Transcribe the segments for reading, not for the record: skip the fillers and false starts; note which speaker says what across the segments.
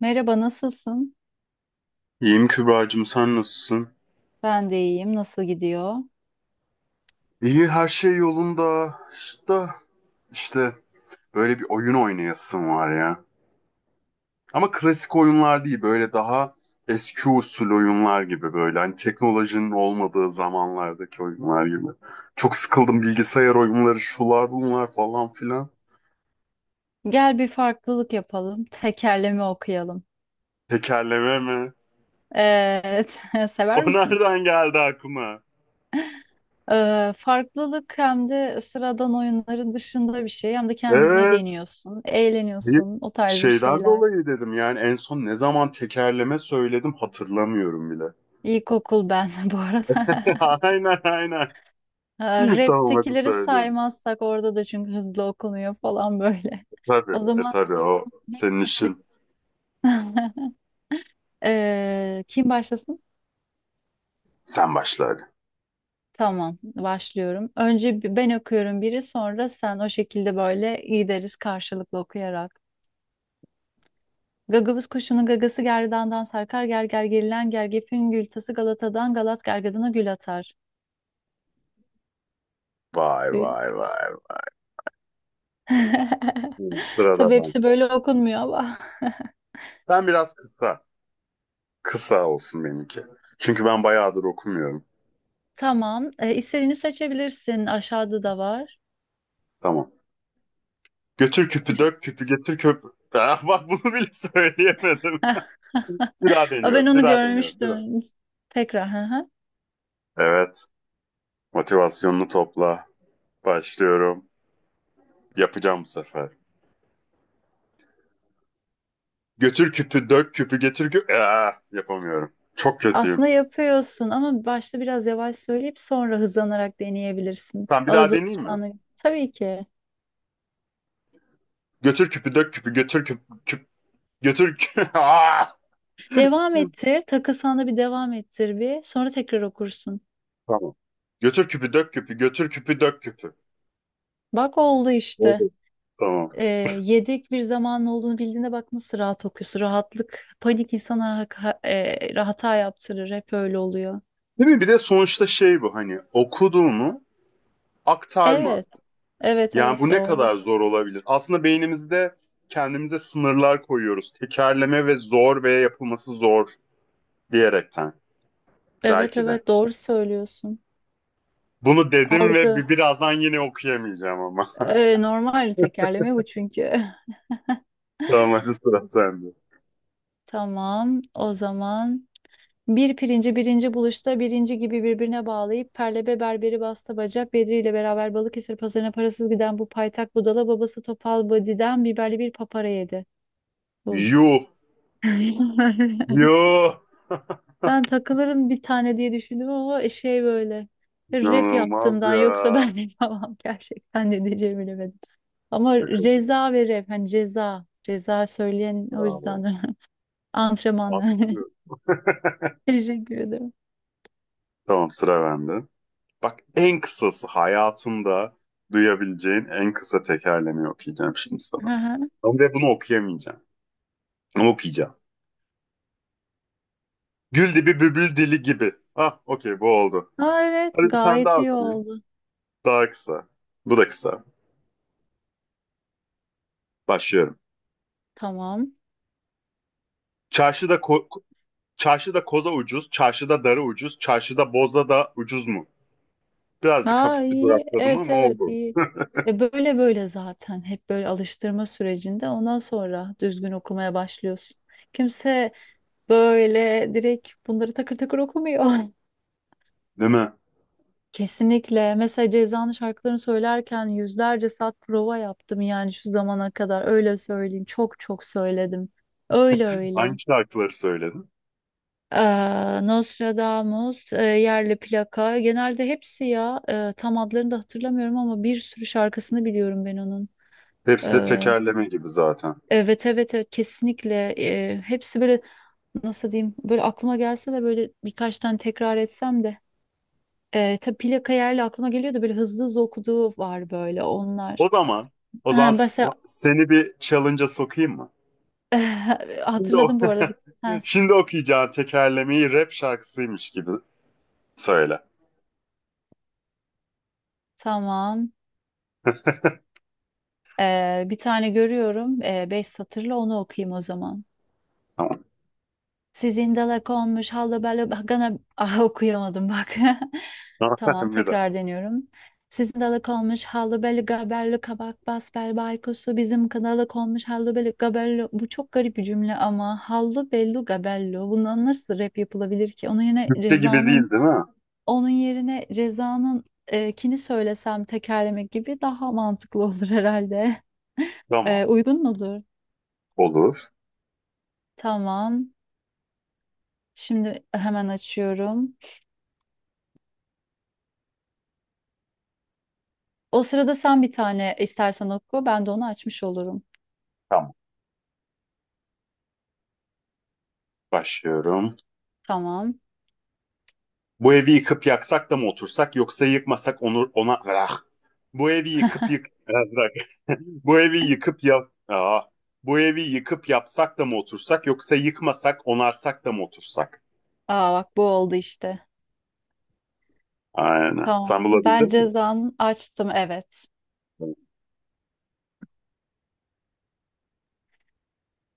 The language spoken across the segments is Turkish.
Speaker 1: Merhaba, nasılsın?
Speaker 2: İyiyim Kübra'cığım, sen nasılsın?
Speaker 1: Ben de iyiyim. Nasıl gidiyor?
Speaker 2: İyi, her şey yolunda. İşte, işte böyle bir oyun oynayasım var ya. Ama klasik oyunlar değil, böyle daha eski usul oyunlar gibi böyle. Hani teknolojinin olmadığı zamanlardaki oyunlar gibi. Çok sıkıldım bilgisayar oyunları, şular bunlar falan filan.
Speaker 1: Gel bir farklılık yapalım. Tekerleme okuyalım.
Speaker 2: Tekerleme mi?
Speaker 1: Evet, sever
Speaker 2: O
Speaker 1: misin?
Speaker 2: nereden geldi aklıma?
Speaker 1: Farklılık hem de sıradan oyunların dışında bir şey. Hem de kendini
Speaker 2: Evet.
Speaker 1: deniyorsun,
Speaker 2: Bir
Speaker 1: eğleniyorsun, o tarz bir
Speaker 2: şeyden
Speaker 1: şeyler.
Speaker 2: dolayı dedim, yani en son ne zaman tekerleme söyledim hatırlamıyorum bile.
Speaker 1: İlkokul ben bu arada.
Speaker 2: Aynen aynen. Tamam, hadi
Speaker 1: Rap'tekileri
Speaker 2: söyleyelim.
Speaker 1: saymazsak orada da çünkü hızlı okunuyor falan böyle.
Speaker 2: Tabii.
Speaker 1: O
Speaker 2: E
Speaker 1: zaman
Speaker 2: tabii, o
Speaker 1: ne
Speaker 2: senin
Speaker 1: katıyor?
Speaker 2: işin.
Speaker 1: Kim başlasın?
Speaker 2: Sen başla hadi.
Speaker 1: Tamam, başlıyorum. Önce ben okuyorum biri, sonra sen o şekilde böyle gideriz karşılıklı okuyarak. Gagavuz kuşunun gagası gerdandan sarkar, gerger gerilen gergefin gültası Galata'dan Galat gergedana gül atar.
Speaker 2: Vay
Speaker 1: Gül.
Speaker 2: vay vay. Hı, sırada
Speaker 1: Tabii
Speaker 2: ben.
Speaker 1: hepsi böyle okunmuyor ama.
Speaker 2: Ben biraz kısa. Kısa olsun benimki. Çünkü ben bayağıdır okumuyorum.
Speaker 1: Tamam, istediğini seçebilirsin. Aşağıda da var.
Speaker 2: Tamam. Götür küpü
Speaker 1: Aş-
Speaker 2: dök küpü getir köp. Ah, bak bunu bile söyleyemedim. Bir daha
Speaker 1: Aa, ben
Speaker 2: deniyorum. Bir
Speaker 1: onu
Speaker 2: daha deniyorum. Bir daha.
Speaker 1: görmüştüm. Tekrar. Hı hı.
Speaker 2: Evet. Motivasyonunu topla. Başlıyorum. Yapacağım bu sefer. Götür küpü dök küpü getir küpü. Ah, yapamıyorum. Çok kötüyüm.
Speaker 1: Aslında yapıyorsun ama başta biraz yavaş söyleyip sonra hızlanarak deneyebilirsin.
Speaker 2: Tamam, bir daha
Speaker 1: Ağız
Speaker 2: deneyeyim mi?
Speaker 1: alışkanlığı. Tabii ki.
Speaker 2: Götür küpü dök küpü götür küp küp götür kü- Aa!
Speaker 1: Devam ettir. Takılsana bir devam ettir bir. Sonra tekrar okursun.
Speaker 2: Tamam. Götür küpü dök küpü götür küpü dök küpü.
Speaker 1: Bak oldu işte.
Speaker 2: Oldu. Tamam.
Speaker 1: Ee, Yedek bir zamanın olduğunu bildiğinde bak nasıl rahat okuyorsun. Rahatlık, panik insana hata yaptırır. Hep öyle oluyor.
Speaker 2: Değil mi? Bir de sonuçta şey, bu hani okuduğunu aktarma.
Speaker 1: Evet. Evet
Speaker 2: Yani
Speaker 1: evet
Speaker 2: bu ne
Speaker 1: doğru.
Speaker 2: kadar zor olabilir? Aslında beynimizde kendimize sınırlar koyuyoruz. Tekerleme ve zor veya yapılması zor diyerekten
Speaker 1: Evet
Speaker 2: belki de.
Speaker 1: evet doğru söylüyorsun.
Speaker 2: Bunu dedim ve
Speaker 1: Algı.
Speaker 2: birazdan yine okuyamayacağım ama.
Speaker 1: Normal tekerleme bu çünkü.
Speaker 2: Tamam, hadi sıra sende.
Speaker 1: Tamam, o zaman. Bir pirinci birinci buluşta birinci gibi birbirine bağlayıp Perlebe berberi bastı bacak Bedri ile beraber Balıkesir pazarına parasız giden bu paytak budala babası Topal Badi'den biberli bir papara yedi. Bu.
Speaker 2: Yuh. Yuh.
Speaker 1: Ben takılırım bir tane diye düşündüm ama şey böyle rap
Speaker 2: İnanılmaz
Speaker 1: yaptığımdan yoksa
Speaker 2: ya.
Speaker 1: ben de yapamam gerçekten ne diyeceğimi bilemedim. Ama
Speaker 2: Şaka gibi.
Speaker 1: ceza ve rap hani ceza ceza söyleyen o yüzden
Speaker 2: Bravo.
Speaker 1: de antrenmanla.
Speaker 2: Aktı.
Speaker 1: Teşekkür ederim.
Speaker 2: Tamam, sıra bende. Bak, en kısası hayatında duyabileceğin en kısa tekerlemeyi okuyacağım şimdi sana.
Speaker 1: Hı hı.
Speaker 2: Ama de bunu okuyamayacağım. Ama okuyacağım. Gül dibi bübül dili gibi. Ah okey, bu oldu.
Speaker 1: Aa, evet
Speaker 2: Hadi bir tane
Speaker 1: gayet
Speaker 2: daha
Speaker 1: iyi
Speaker 2: okuyayım.
Speaker 1: oldu.
Speaker 2: Daha kısa. Bu da kısa. Başlıyorum.
Speaker 1: Tamam.
Speaker 2: Çarşıda ko- çarşıda koza ucuz, çarşıda darı ucuz, çarşıda boza da ucuz mu? Birazcık
Speaker 1: Aa
Speaker 2: hafif bir
Speaker 1: iyi.
Speaker 2: durakladım
Speaker 1: Evet
Speaker 2: ama
Speaker 1: evet
Speaker 2: oldu.
Speaker 1: iyi. E böyle böyle zaten hep böyle alıştırma sürecinde ondan sonra düzgün okumaya başlıyorsun. Kimse böyle direkt bunları takır takır okumuyor.
Speaker 2: Değil mi?
Speaker 1: Kesinlikle. Mesela Ceza'nın şarkılarını söylerken yüzlerce saat prova yaptım yani şu zamana kadar öyle söyleyeyim. Çok çok söyledim. Öyle
Speaker 2: Hangi
Speaker 1: öyle.
Speaker 2: şarkıları söyledin?
Speaker 1: Nostradamus, Yerli Plaka. Genelde hepsi ya. Tam adlarını da hatırlamıyorum ama bir sürü şarkısını biliyorum ben onun.
Speaker 2: Hepsi de
Speaker 1: Eee,
Speaker 2: tekerleme gibi zaten.
Speaker 1: evet evet evet kesinlikle. Hepsi böyle nasıl diyeyim böyle aklıma gelse de böyle birkaç tane tekrar etsem de. Tabii Plaka Yerli aklıma geliyor da böyle hızlı hızlı okuduğu var böyle onlar.
Speaker 2: O zaman, o
Speaker 1: Ha,
Speaker 2: zaman s-
Speaker 1: mesela
Speaker 2: seni bir challenge'a sokayım mı? Şimdi, o
Speaker 1: hatırladım bu arada. Bir, ha,
Speaker 2: şimdi okuyacağın tekerlemeyi rap şarkısıymış gibi söyle.
Speaker 1: tamam. Bir tane görüyorum. Beş satırla onu okuyayım o zaman.
Speaker 2: Tamam.
Speaker 1: Sizin dalak olmuş hallı bello gana ah okuyamadım bak. Tamam
Speaker 2: Bir de.
Speaker 1: tekrar deniyorum. Sizin dalak olmuş hallı bello gabello kabak bas bel baykusu bizim dalak olmuş hallı bello gabello. Bu çok garip bir cümle ama hallı bello gabello. Bundan nasıl rap yapılabilir ki?
Speaker 2: Türkçe gibi değil, değil mi?
Speaker 1: Onun yerine Reza'nın kini söylesem tekerlemek gibi daha mantıklı olur herhalde.
Speaker 2: Tamam.
Speaker 1: E, uygun mudur?
Speaker 2: Olur.
Speaker 1: Tamam. Şimdi hemen açıyorum. O sırada sen bir tane istersen oku, ben de onu açmış olurum.
Speaker 2: Tamam. Başlıyorum.
Speaker 1: Tamam.
Speaker 2: Bu evi yıkıp yaksak da mı otursak yoksa yıkmasak onu ona ah. Bu evi yıkıp yık bu evi yıkıp yap Aa. Bu evi yıkıp yapsak da mı otursak yoksa yıkmasak onarsak da mı otursak?
Speaker 1: Aa bak bu oldu işte.
Speaker 2: Aynen. Sen
Speaker 1: Tamam. Ben
Speaker 2: bulabildin mi?
Speaker 1: cezanı açtım, evet.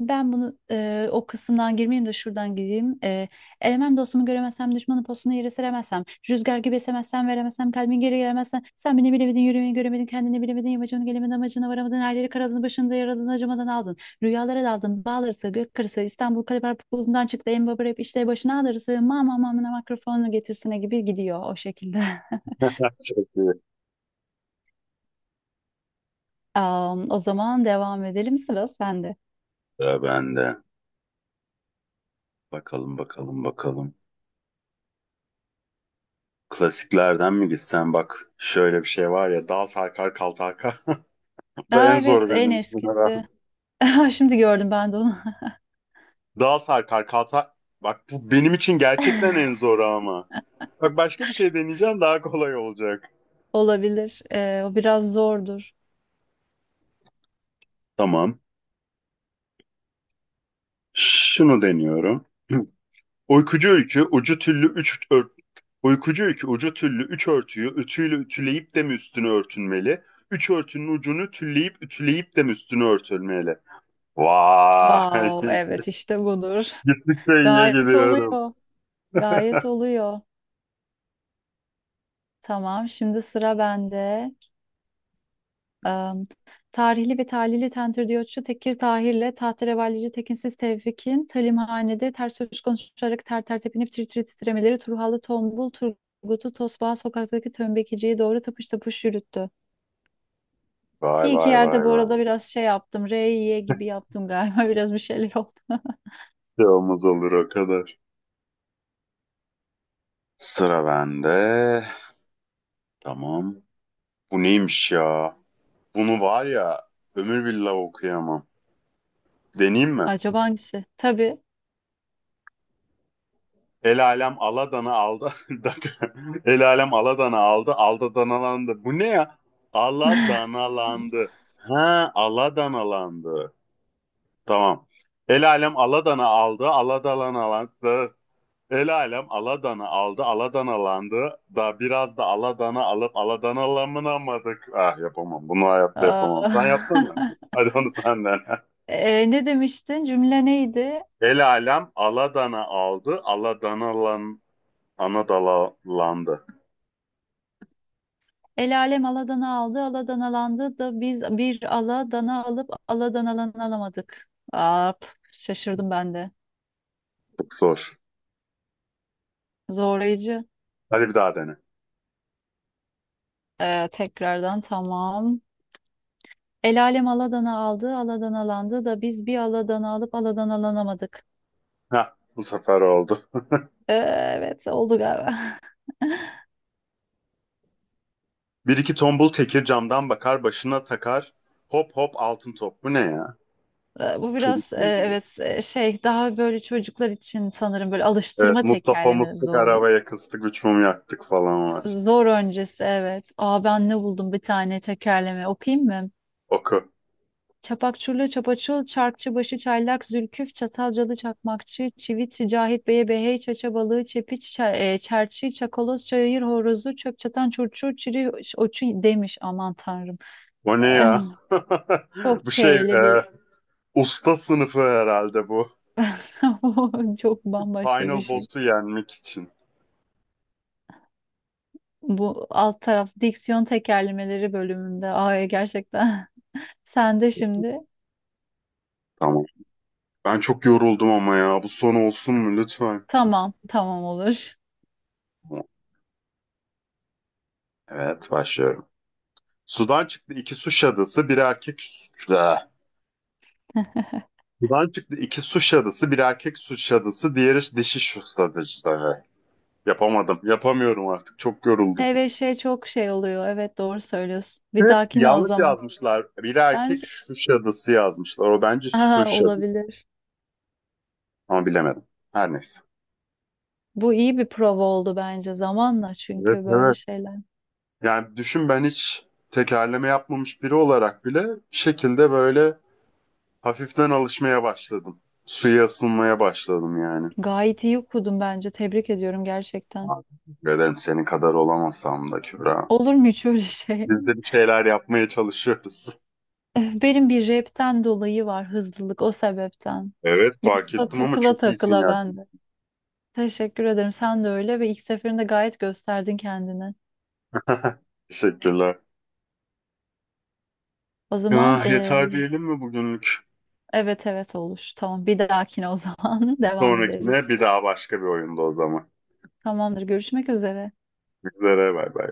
Speaker 1: Ben bunu o kısımdan girmeyeyim de şuradan gireyim. E, elemem dostumu göremezsem, düşmanın postunu yere seremezsem, rüzgar gibi esemezsem, veremezsem, kalbin geri gelemezsen, sen beni bilemedin, yürümeyi göremedin, kendini bilemedin, yamacını gelemedin, amacına varamadın, her yeri karadın, başında yaraladın, acımadan aldın. Rüyalara daldın, bağlarsa, gök kırısı, İstanbul Kalebar Pukulu'ndan çıktı, en baba rap işte başına ağrısı, mama mamına mikrofonu getirsine gibi gidiyor o şekilde.
Speaker 2: Çok iyi.
Speaker 1: Am, o zaman devam edelim, sıra sende.
Speaker 2: Ya ben de. Bakalım bakalım bakalım. Klasiklerden mi gitsen, bak şöyle bir şey var ya, dal sarkar kal tarka. Bu da
Speaker 1: Aa,
Speaker 2: en zoru
Speaker 1: evet, en
Speaker 2: benim için
Speaker 1: eskisi.
Speaker 2: herhalde.
Speaker 1: Şimdi gördüm ben de onu.
Speaker 2: Dal sarkar kal tar- bak bu benim için gerçekten en zoru ama. Bak başka bir şey deneyeceğim, daha kolay olacak.
Speaker 1: Olabilir. O biraz zordur.
Speaker 2: Tamam. Şunu deniyorum. Uykucu ülkü ucu tüllü üç ört. Uykucu ülkü ucu tüllü üç örtüyü ütüyle ütüleyip de mi üstünü örtünmeli? Üç örtünün ucunu tülleyip ütüleyip de mi üstünü örtülmeli? Vay!
Speaker 1: Wow, evet işte budur.
Speaker 2: Gittikçe iyiye
Speaker 1: Gayet
Speaker 2: gidiyorum.
Speaker 1: oluyor. Gayet oluyor. Tamam, şimdi sıra bende. Am, tarihli ve talihli Tentir Diyotçu Tekir Tahir'le Tahterevallici Tekinsiz Tevfik'in Talimhanede ters söz konuşarak ter ter tepinip tir tir titremeleri Turhalı Tombul Turgut'u Tosbağa sokaktaki tömbekiciye doğru tapış tapış yürüttü.
Speaker 2: Vay
Speaker 1: Bir iki
Speaker 2: vay vay
Speaker 1: yerde bu
Speaker 2: vay.
Speaker 1: arada biraz şey yaptım. R, Y gibi yaptım galiba. Biraz bir şeyler oldu.
Speaker 2: Bir yolumuz olur o kadar. Sıra bende. Tamam. Bu neymiş ya? Bunu var ya, ömür billah okuyamam. Deneyeyim mi?
Speaker 1: Acaba hangisi? Tabii.
Speaker 2: El alem Aladan'ı aldı. El alem Aladan'ı aldı. Aldana'landı. Bu ne ya? Aladana'landı. Ha, Aladana'landı. Tamam. El alem Aladan'ı aldı. Aladana'landı. El alem Aladan'ı aldı. Aladana'landı. Da biraz da Aladan'ı alıp Aladana'lanamadık. Ah yapamam. Bunu hayatta yapamam. Sen
Speaker 1: Aa.
Speaker 2: yapsana. Hadi onu senden.
Speaker 1: E, ne demiştin? Cümle neydi?
Speaker 2: El alem Aladan'ı aldı. Aladana'lan Anadolu'landı.
Speaker 1: El alem aladanı aldı, aladan alandı da biz bir aladana alıp aladan alanı alamadık. Aa, şaşırdım ben de.
Speaker 2: Çok zor.
Speaker 1: Zorlayıcı.
Speaker 2: Hadi bir daha dene.
Speaker 1: Tekrardan tamam. El alem aladanı aldı, aladan alandı da biz bir aladanı alıp aladan alanamadık.
Speaker 2: Heh, bu sefer oldu.
Speaker 1: Ee, evet oldu galiba.
Speaker 2: Bir iki tombul tekir camdan bakar, başına takar. Hop hop altın top. Bu ne ya?
Speaker 1: Bu
Speaker 2: Çocuk
Speaker 1: biraz
Speaker 2: bilgileri.
Speaker 1: evet şey daha böyle çocuklar için sanırım böyle
Speaker 2: Evet,
Speaker 1: alıştırma
Speaker 2: Mustafa
Speaker 1: tekerleme
Speaker 2: mıstık
Speaker 1: zorlu.
Speaker 2: arabaya kıstık, üç mum yaktık falan var.
Speaker 1: Zor öncesi evet. Aa ben ne buldum bir tane tekerleme okuyayım mı?
Speaker 2: Oku.
Speaker 1: Çapakçurlu çapaçul, çarkçıbaşı çaylak, zülküf, çatalcalı çakmakçı, çivit, cahit beye behey, çaça balığı, çepiç, çerçi, çakoloz, çayır horozu, çöp çatan çurçur, çiri, oçu demiş aman tanrım.
Speaker 2: O ne
Speaker 1: Eh,
Speaker 2: ya?
Speaker 1: çok
Speaker 2: Bu şey, e,
Speaker 1: çeyli bir
Speaker 2: usta sınıfı herhalde bu.
Speaker 1: çok bambaşka bir
Speaker 2: Final
Speaker 1: şey.
Speaker 2: boss'u yenmek için.
Speaker 1: Bu alt taraf diksiyon tekerlemeleri bölümünde. Ay gerçekten. Sen de şimdi.
Speaker 2: Tamam. Ben çok yoruldum ama ya. Bu son olsun mu lütfen?
Speaker 1: Tamam, tamam olur.
Speaker 2: Evet, başlıyorum. Sudan çıktı iki su şadısı, bir erkek... Ah. Buradan çıktı iki suç şadısı, bir erkek suç şadısı, diğeri dişi su şadısı. Yapamadım. Yapamıyorum artık. Çok
Speaker 1: S
Speaker 2: yoruldum.
Speaker 1: ve şey çok şey oluyor. Evet doğru söylüyorsun. Bir
Speaker 2: Hep
Speaker 1: dahakine o
Speaker 2: yanlış
Speaker 1: zaman.
Speaker 2: yazmışlar. Biri erkek
Speaker 1: Bence
Speaker 2: suç şadısı yazmışlar. O bence suç
Speaker 1: aha,
Speaker 2: şadısı.
Speaker 1: olabilir.
Speaker 2: Ama bilemedim. Her neyse.
Speaker 1: Bu iyi bir prova oldu bence zamanla
Speaker 2: Evet
Speaker 1: çünkü böyle
Speaker 2: evet.
Speaker 1: şeyler.
Speaker 2: Yani düşün, ben hiç tekerleme yapmamış biri olarak bile bir şekilde böyle hafiften alışmaya başladım. Suya ısınmaya başladım yani.
Speaker 1: Gayet iyi okudum bence. Tebrik ediyorum gerçekten.
Speaker 2: Teşekkür ederim, senin kadar olamasam da Kübra.
Speaker 1: Olur mu hiç öyle şey?
Speaker 2: Biz de bir şeyler yapmaya çalışıyoruz.
Speaker 1: Benim bir rapten dolayı var hızlılık o sebepten.
Speaker 2: Evet fark
Speaker 1: Yoksa
Speaker 2: ettim, ama
Speaker 1: takıla
Speaker 2: çok iyisin
Speaker 1: takıla
Speaker 2: yani.
Speaker 1: ben de. Teşekkür ederim. Sen de öyle ve ilk seferinde gayet gösterdin kendini.
Speaker 2: Teşekkürler.
Speaker 1: O zaman
Speaker 2: Ah, yeter diyelim mi bugünlük?
Speaker 1: evet evet olur. Tamam bir dahakine o zaman devam
Speaker 2: Sonrakine
Speaker 1: ederiz.
Speaker 2: bir daha başka bir oyunda o zaman.
Speaker 1: Tamamdır. Görüşmek üzere.
Speaker 2: Üzere bay bay.